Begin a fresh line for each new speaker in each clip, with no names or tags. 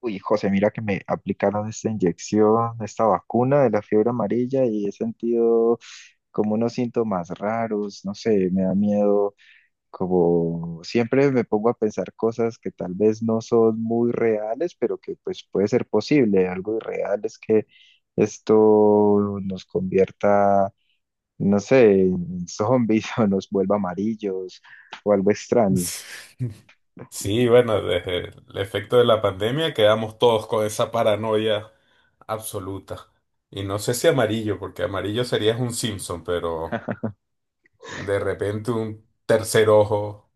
Uy, José, mira que me aplicaron esta inyección, esta vacuna de la fiebre amarilla y he sentido como unos síntomas raros, no sé, me da miedo, como siempre me pongo a pensar cosas que tal vez no son muy reales, pero que pues puede ser posible. Algo irreal es que esto nos convierta, no sé, en zombies o nos vuelva amarillos o algo extraño.
Sí, bueno, desde el efecto de la pandemia quedamos todos con esa paranoia absoluta. Y no sé si amarillo, porque amarillo sería un Simpson, pero de repente un tercer ojo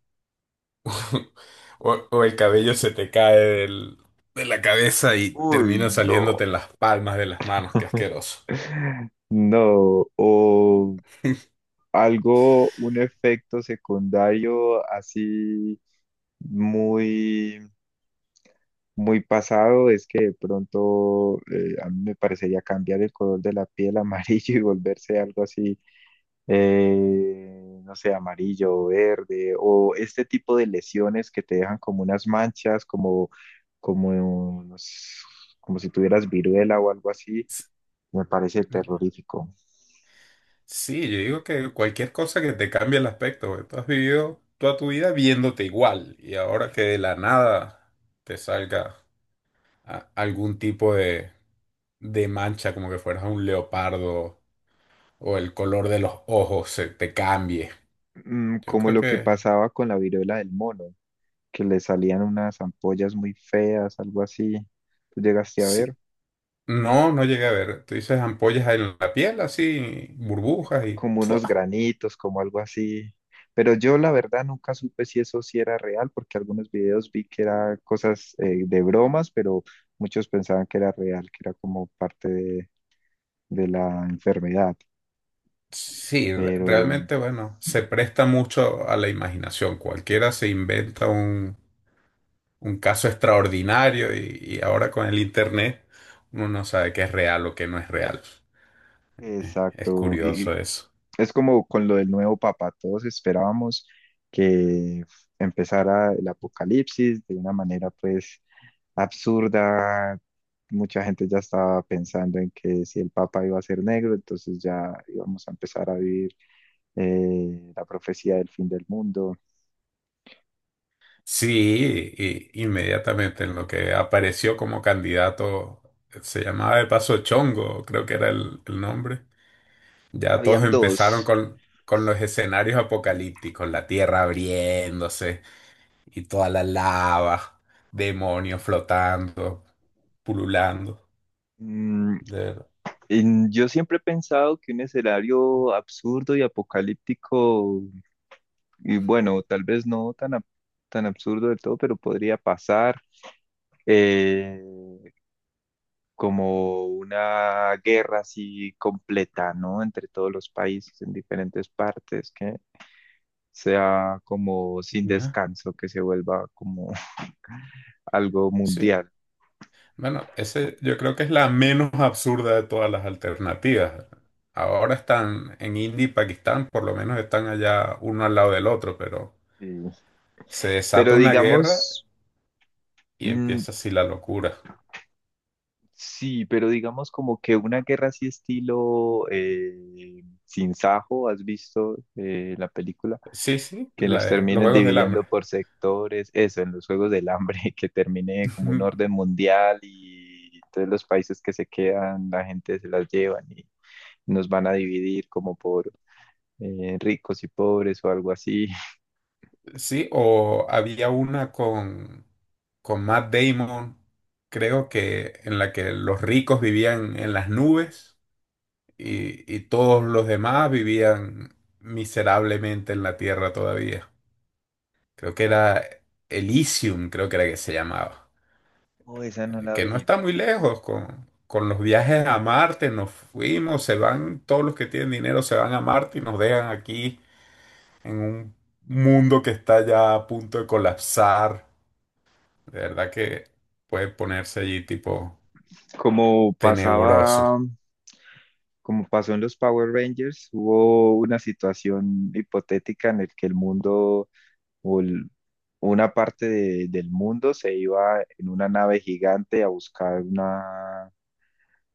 o el cabello se te cae de la cabeza y
Uy,
termina
no.
saliéndote en las palmas de las manos, qué asqueroso.
No, o algo, un efecto secundario así muy, muy pasado es que de pronto a mí me parecería cambiar el color de la piel a amarillo y volverse algo así, no sé, amarillo o verde, o este tipo de lesiones que te dejan como unas manchas, como, como, no sé, como si tuvieras viruela o algo así, me parece terrorífico.
Sí, yo digo que cualquier cosa que te cambie el aspecto, güey. Tú has vivido toda tu vida viéndote igual y ahora que de la nada te salga algún tipo de mancha, como que fueras un leopardo o el color de los ojos se te cambie.
Mm,
Yo
como
creo
lo que
que
pasaba con la viruela del mono. Que le salían unas ampollas muy feas, algo así. ¿Tú llegaste a ver
sí. No, no llegué a ver. Tú dices ampollas en la piel, así, burbujas y...
como unos
¡fua!
granitos, como algo así? Pero yo la verdad nunca supe si eso sí era real, porque algunos videos vi que era cosas de bromas, pero muchos pensaban que era real, que era como parte de la enfermedad.
Sí,
Pero,
realmente, bueno, se presta mucho a la imaginación. Cualquiera se inventa un caso extraordinario y ahora con el internet uno no sabe qué es real o qué no es real. Es
exacto, y
curioso eso.
es como con lo del nuevo papa, todos esperábamos que empezara el apocalipsis de una manera pues absurda. Mucha gente ya estaba pensando en que si el Papa iba a ser negro, entonces ya íbamos a empezar a vivir la profecía del fin del mundo.
Sí, y inmediatamente en lo que apareció como candidato, se llamaba de paso Chongo, creo que era el nombre. Ya todos
Habían
empezaron
dos.
con los escenarios apocalípticos, la tierra abriéndose y toda la lava, demonios flotando, pululando.
Mm,
De verdad.
yo siempre he pensado que un escenario absurdo y apocalíptico, y bueno, tal vez no tan, tan absurdo del todo, pero podría pasar eh, como una guerra así completa, ¿no? Entre todos los países en diferentes partes, sea como sin
Ya.
descanso, que se vuelva como algo
Sí.
mundial.
Bueno, ese yo creo que es la menos absurda de todas las alternativas. Ahora están en India y Pakistán, por lo menos están allá uno al lado del otro, pero
Sí.
se desata
Pero
una guerra
digamos,
y
mm,
empieza así la locura.
sí, pero digamos como que una guerra así estilo Sin Sajo, ¿has visto la película?
Sí, sí,
Que nos
los
terminen
Juegos del
dividiendo
Hambre.
por sectores, eso, en los Juegos del Hambre, que termine como un orden mundial y entonces los países que se quedan, la gente se las llevan y nos van a dividir como por ricos y pobres o algo así.
Sí, o había una con Matt Damon, creo que en la que los ricos vivían en las nubes y todos los demás vivían miserablemente en la tierra todavía. Creo que era Elysium, creo que era que se llamaba.
Oh, esa no
eh,
la
Que no
vi.
está muy lejos con los viajes a Marte. Nos fuimos, se van, todos los que tienen dinero se van a Marte y nos dejan aquí en un mundo que está ya a punto de colapsar. De verdad que puede ponerse allí tipo
Como
tenebroso.
pasaba, como pasó en los Power Rangers, hubo una situación hipotética en el que el mundo o el- una parte del mundo se iba en una nave gigante a buscar una,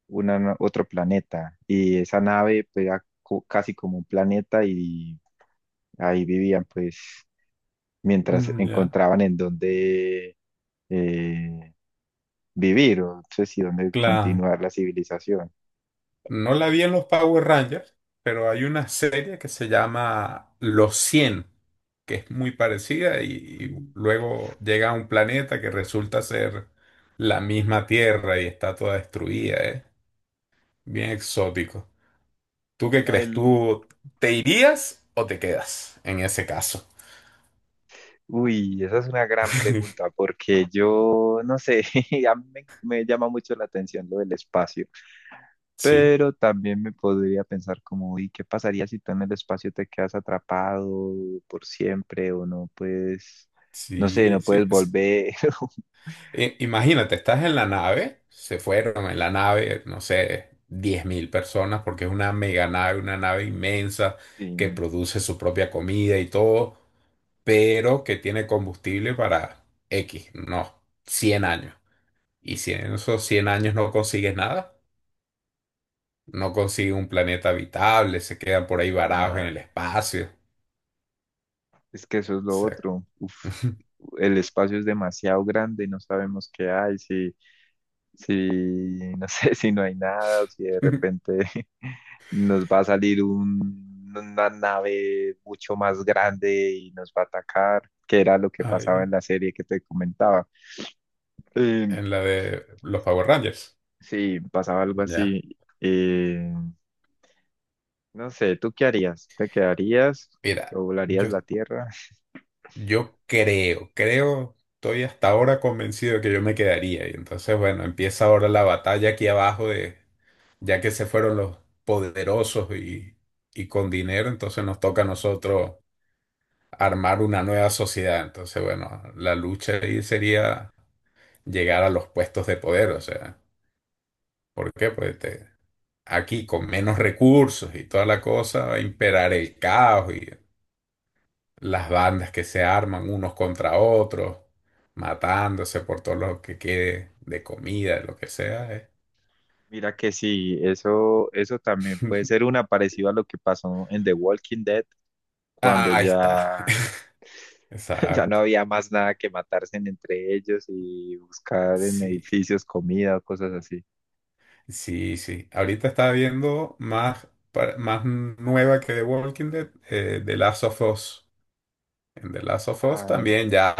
otro planeta y esa nave pues, era casi como un planeta y ahí vivían pues mientras
Mm, ya.
encontraban en dónde eh, vivir o no sé si dónde
Claro,
continuar la civilización.
no la vi en los Power Rangers, pero hay una serie que se llama Los Cien, que es muy parecida y luego llega a un planeta que resulta ser la misma Tierra y está toda destruida, ¿eh? Bien exótico. ¿Tú qué crees? ¿Tú te irías o te quedas en ese caso?
Uy, esa es una gran pregunta porque yo no sé, a mí me, me llama mucho la atención lo del espacio,
Sí,
pero también me podría pensar como, ¿y qué pasaría si tú en el espacio te quedas atrapado por siempre o no puedes, no sé,
sí,
no
sí,
puedes
sí.
volver?
Imagínate, estás en la nave, se fueron en la nave, no sé, 10.000 personas, porque es una mega nave, una nave inmensa que
Sí,
produce su propia comida y todo, pero que tiene combustible para X, no, 100 años. Y si en esos 100 años no consigues nada, no consigues un planeta habitable, se quedan por ahí varados en
nada,
el espacio. O
es que eso es lo
sea,
otro. Uf, el espacio es demasiado grande, no sabemos qué hay, sí si, no sé, si no hay nada, o si de repente nos va a salir una nave mucho más grande y nos va a atacar, que era lo que pasaba en
ahí,
la serie que te comentaba. Eh,
en la de los Power Rangers.
sí, pasaba algo
Ya.
así. No sé, ¿tú qué harías? ¿Te quedarías
Mira,
o volarías
yo
la Tierra?
Yo creo, estoy hasta ahora convencido de que yo me quedaría. Y entonces, bueno, empieza ahora la batalla aquí abajo de, ya que se fueron los poderosos y con dinero, entonces nos toca a nosotros armar una nueva sociedad. Entonces, bueno, la lucha ahí sería llegar a los puestos de poder, o sea, ¿por qué? Pues aquí con menos recursos y toda la cosa va a imperar el caos las bandas que se arman unos contra otros, matándose por todo lo que quede de comida, de lo que sea.
Mira que sí, eso también puede ser una parecida a lo que pasó en The Walking Dead, cuando
Ah, ahí está.
ya ya no
Exacto.
había más nada que matarse entre ellos y buscar en
Sí,
edificios comida o cosas así.
sí, sí. Ahorita está viendo más, más nueva que The Walking Dead, The Last of Us. En The Last of Us
Ah,
también ya,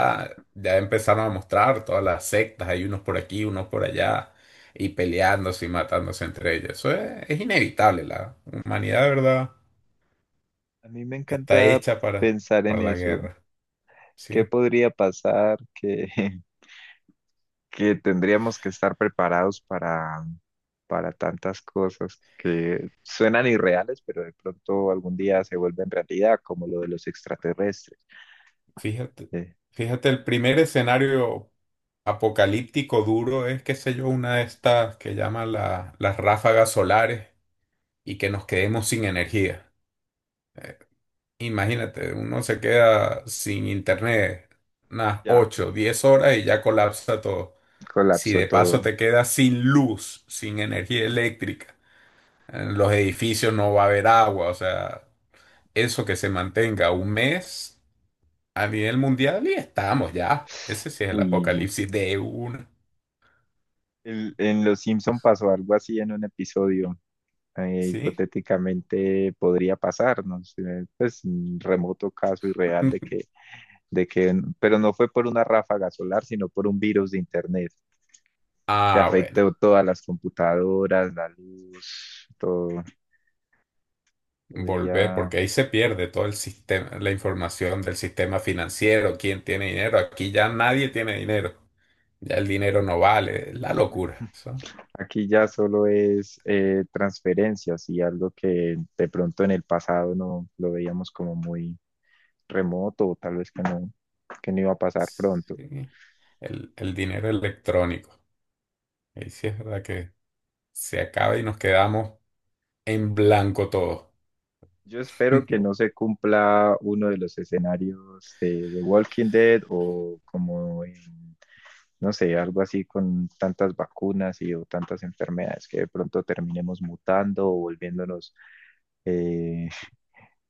ya empezaron a mostrar todas las sectas, hay unos por aquí, unos por allá, y peleándose y matándose entre ellos. Eso es inevitable, la humanidad, ¿de verdad?
a mí me
Está
encanta
hecha para,
pensar
para
en
la
eso.
guerra,
¿Qué
¿sí?
podría pasar? Que, que tendríamos que estar preparados para tantas cosas que suenan irreales, pero de pronto algún día se vuelven realidad, como lo de los extraterrestres.
Fíjate,
Eh,
fíjate, el primer escenario apocalíptico duro es, qué sé yo, una de estas que llaman las ráfagas solares y que nos quedemos sin energía. Imagínate, uno se queda sin internet unas
ya,
8, 10 horas y ya colapsa todo. Si
colapsó
de
todo.
paso te quedas sin luz, sin energía eléctrica, en los edificios no va a haber agua, o sea, eso que se mantenga un mes a nivel mundial y estamos ya. Ese sí es el
Uy,
apocalipsis de una,
en Los Simpson pasó algo así en un episodio
¿sí?
hipotéticamente podría pasarnos, pues un remoto caso irreal de que, pero no fue por una ráfaga solar, sino por un virus de internet que
Ah, bueno,
afectó todas las computadoras, la luz, todo.
volver,
Podría,
porque ahí se pierde todo el sistema, la información del sistema financiero, quién tiene dinero. Aquí ya nadie tiene dinero. Ya el dinero no vale, la locura. Eso.
aquí ya solo es transferencias y algo que de pronto en el pasado no lo veíamos como muy remoto o tal vez que no iba a pasar pronto.
Sí, el dinero electrónico. Ahí sí es verdad que se acaba y nos quedamos en blanco todo.
Yo espero que no se cumpla uno de los escenarios de Walking Dead o como en, no sé, algo así con tantas vacunas y o tantas enfermedades que de pronto terminemos mutando o volviéndonos, eh,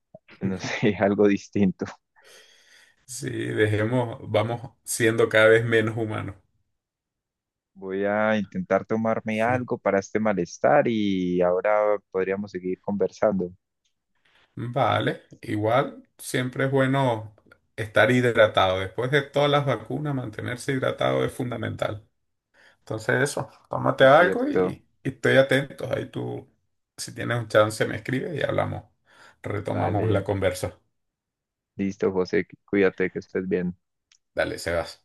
no sé, algo distinto.
Sí, dejemos, vamos siendo cada vez menos humanos.
Voy a intentar tomarme
Sí.
algo para este malestar y ahora podríamos seguir conversando.
Vale, igual siempre es bueno estar hidratado. Después de todas las vacunas, mantenerse hidratado es fundamental. Entonces eso, tómate
Es
algo
cierto.
y estoy atento. Ahí tú, si tienes un chance, me escribes y hablamos. Retomamos la
Vale.
conversa.
Listo, José. Cuídate, que estés bien.
Dale, Sebas.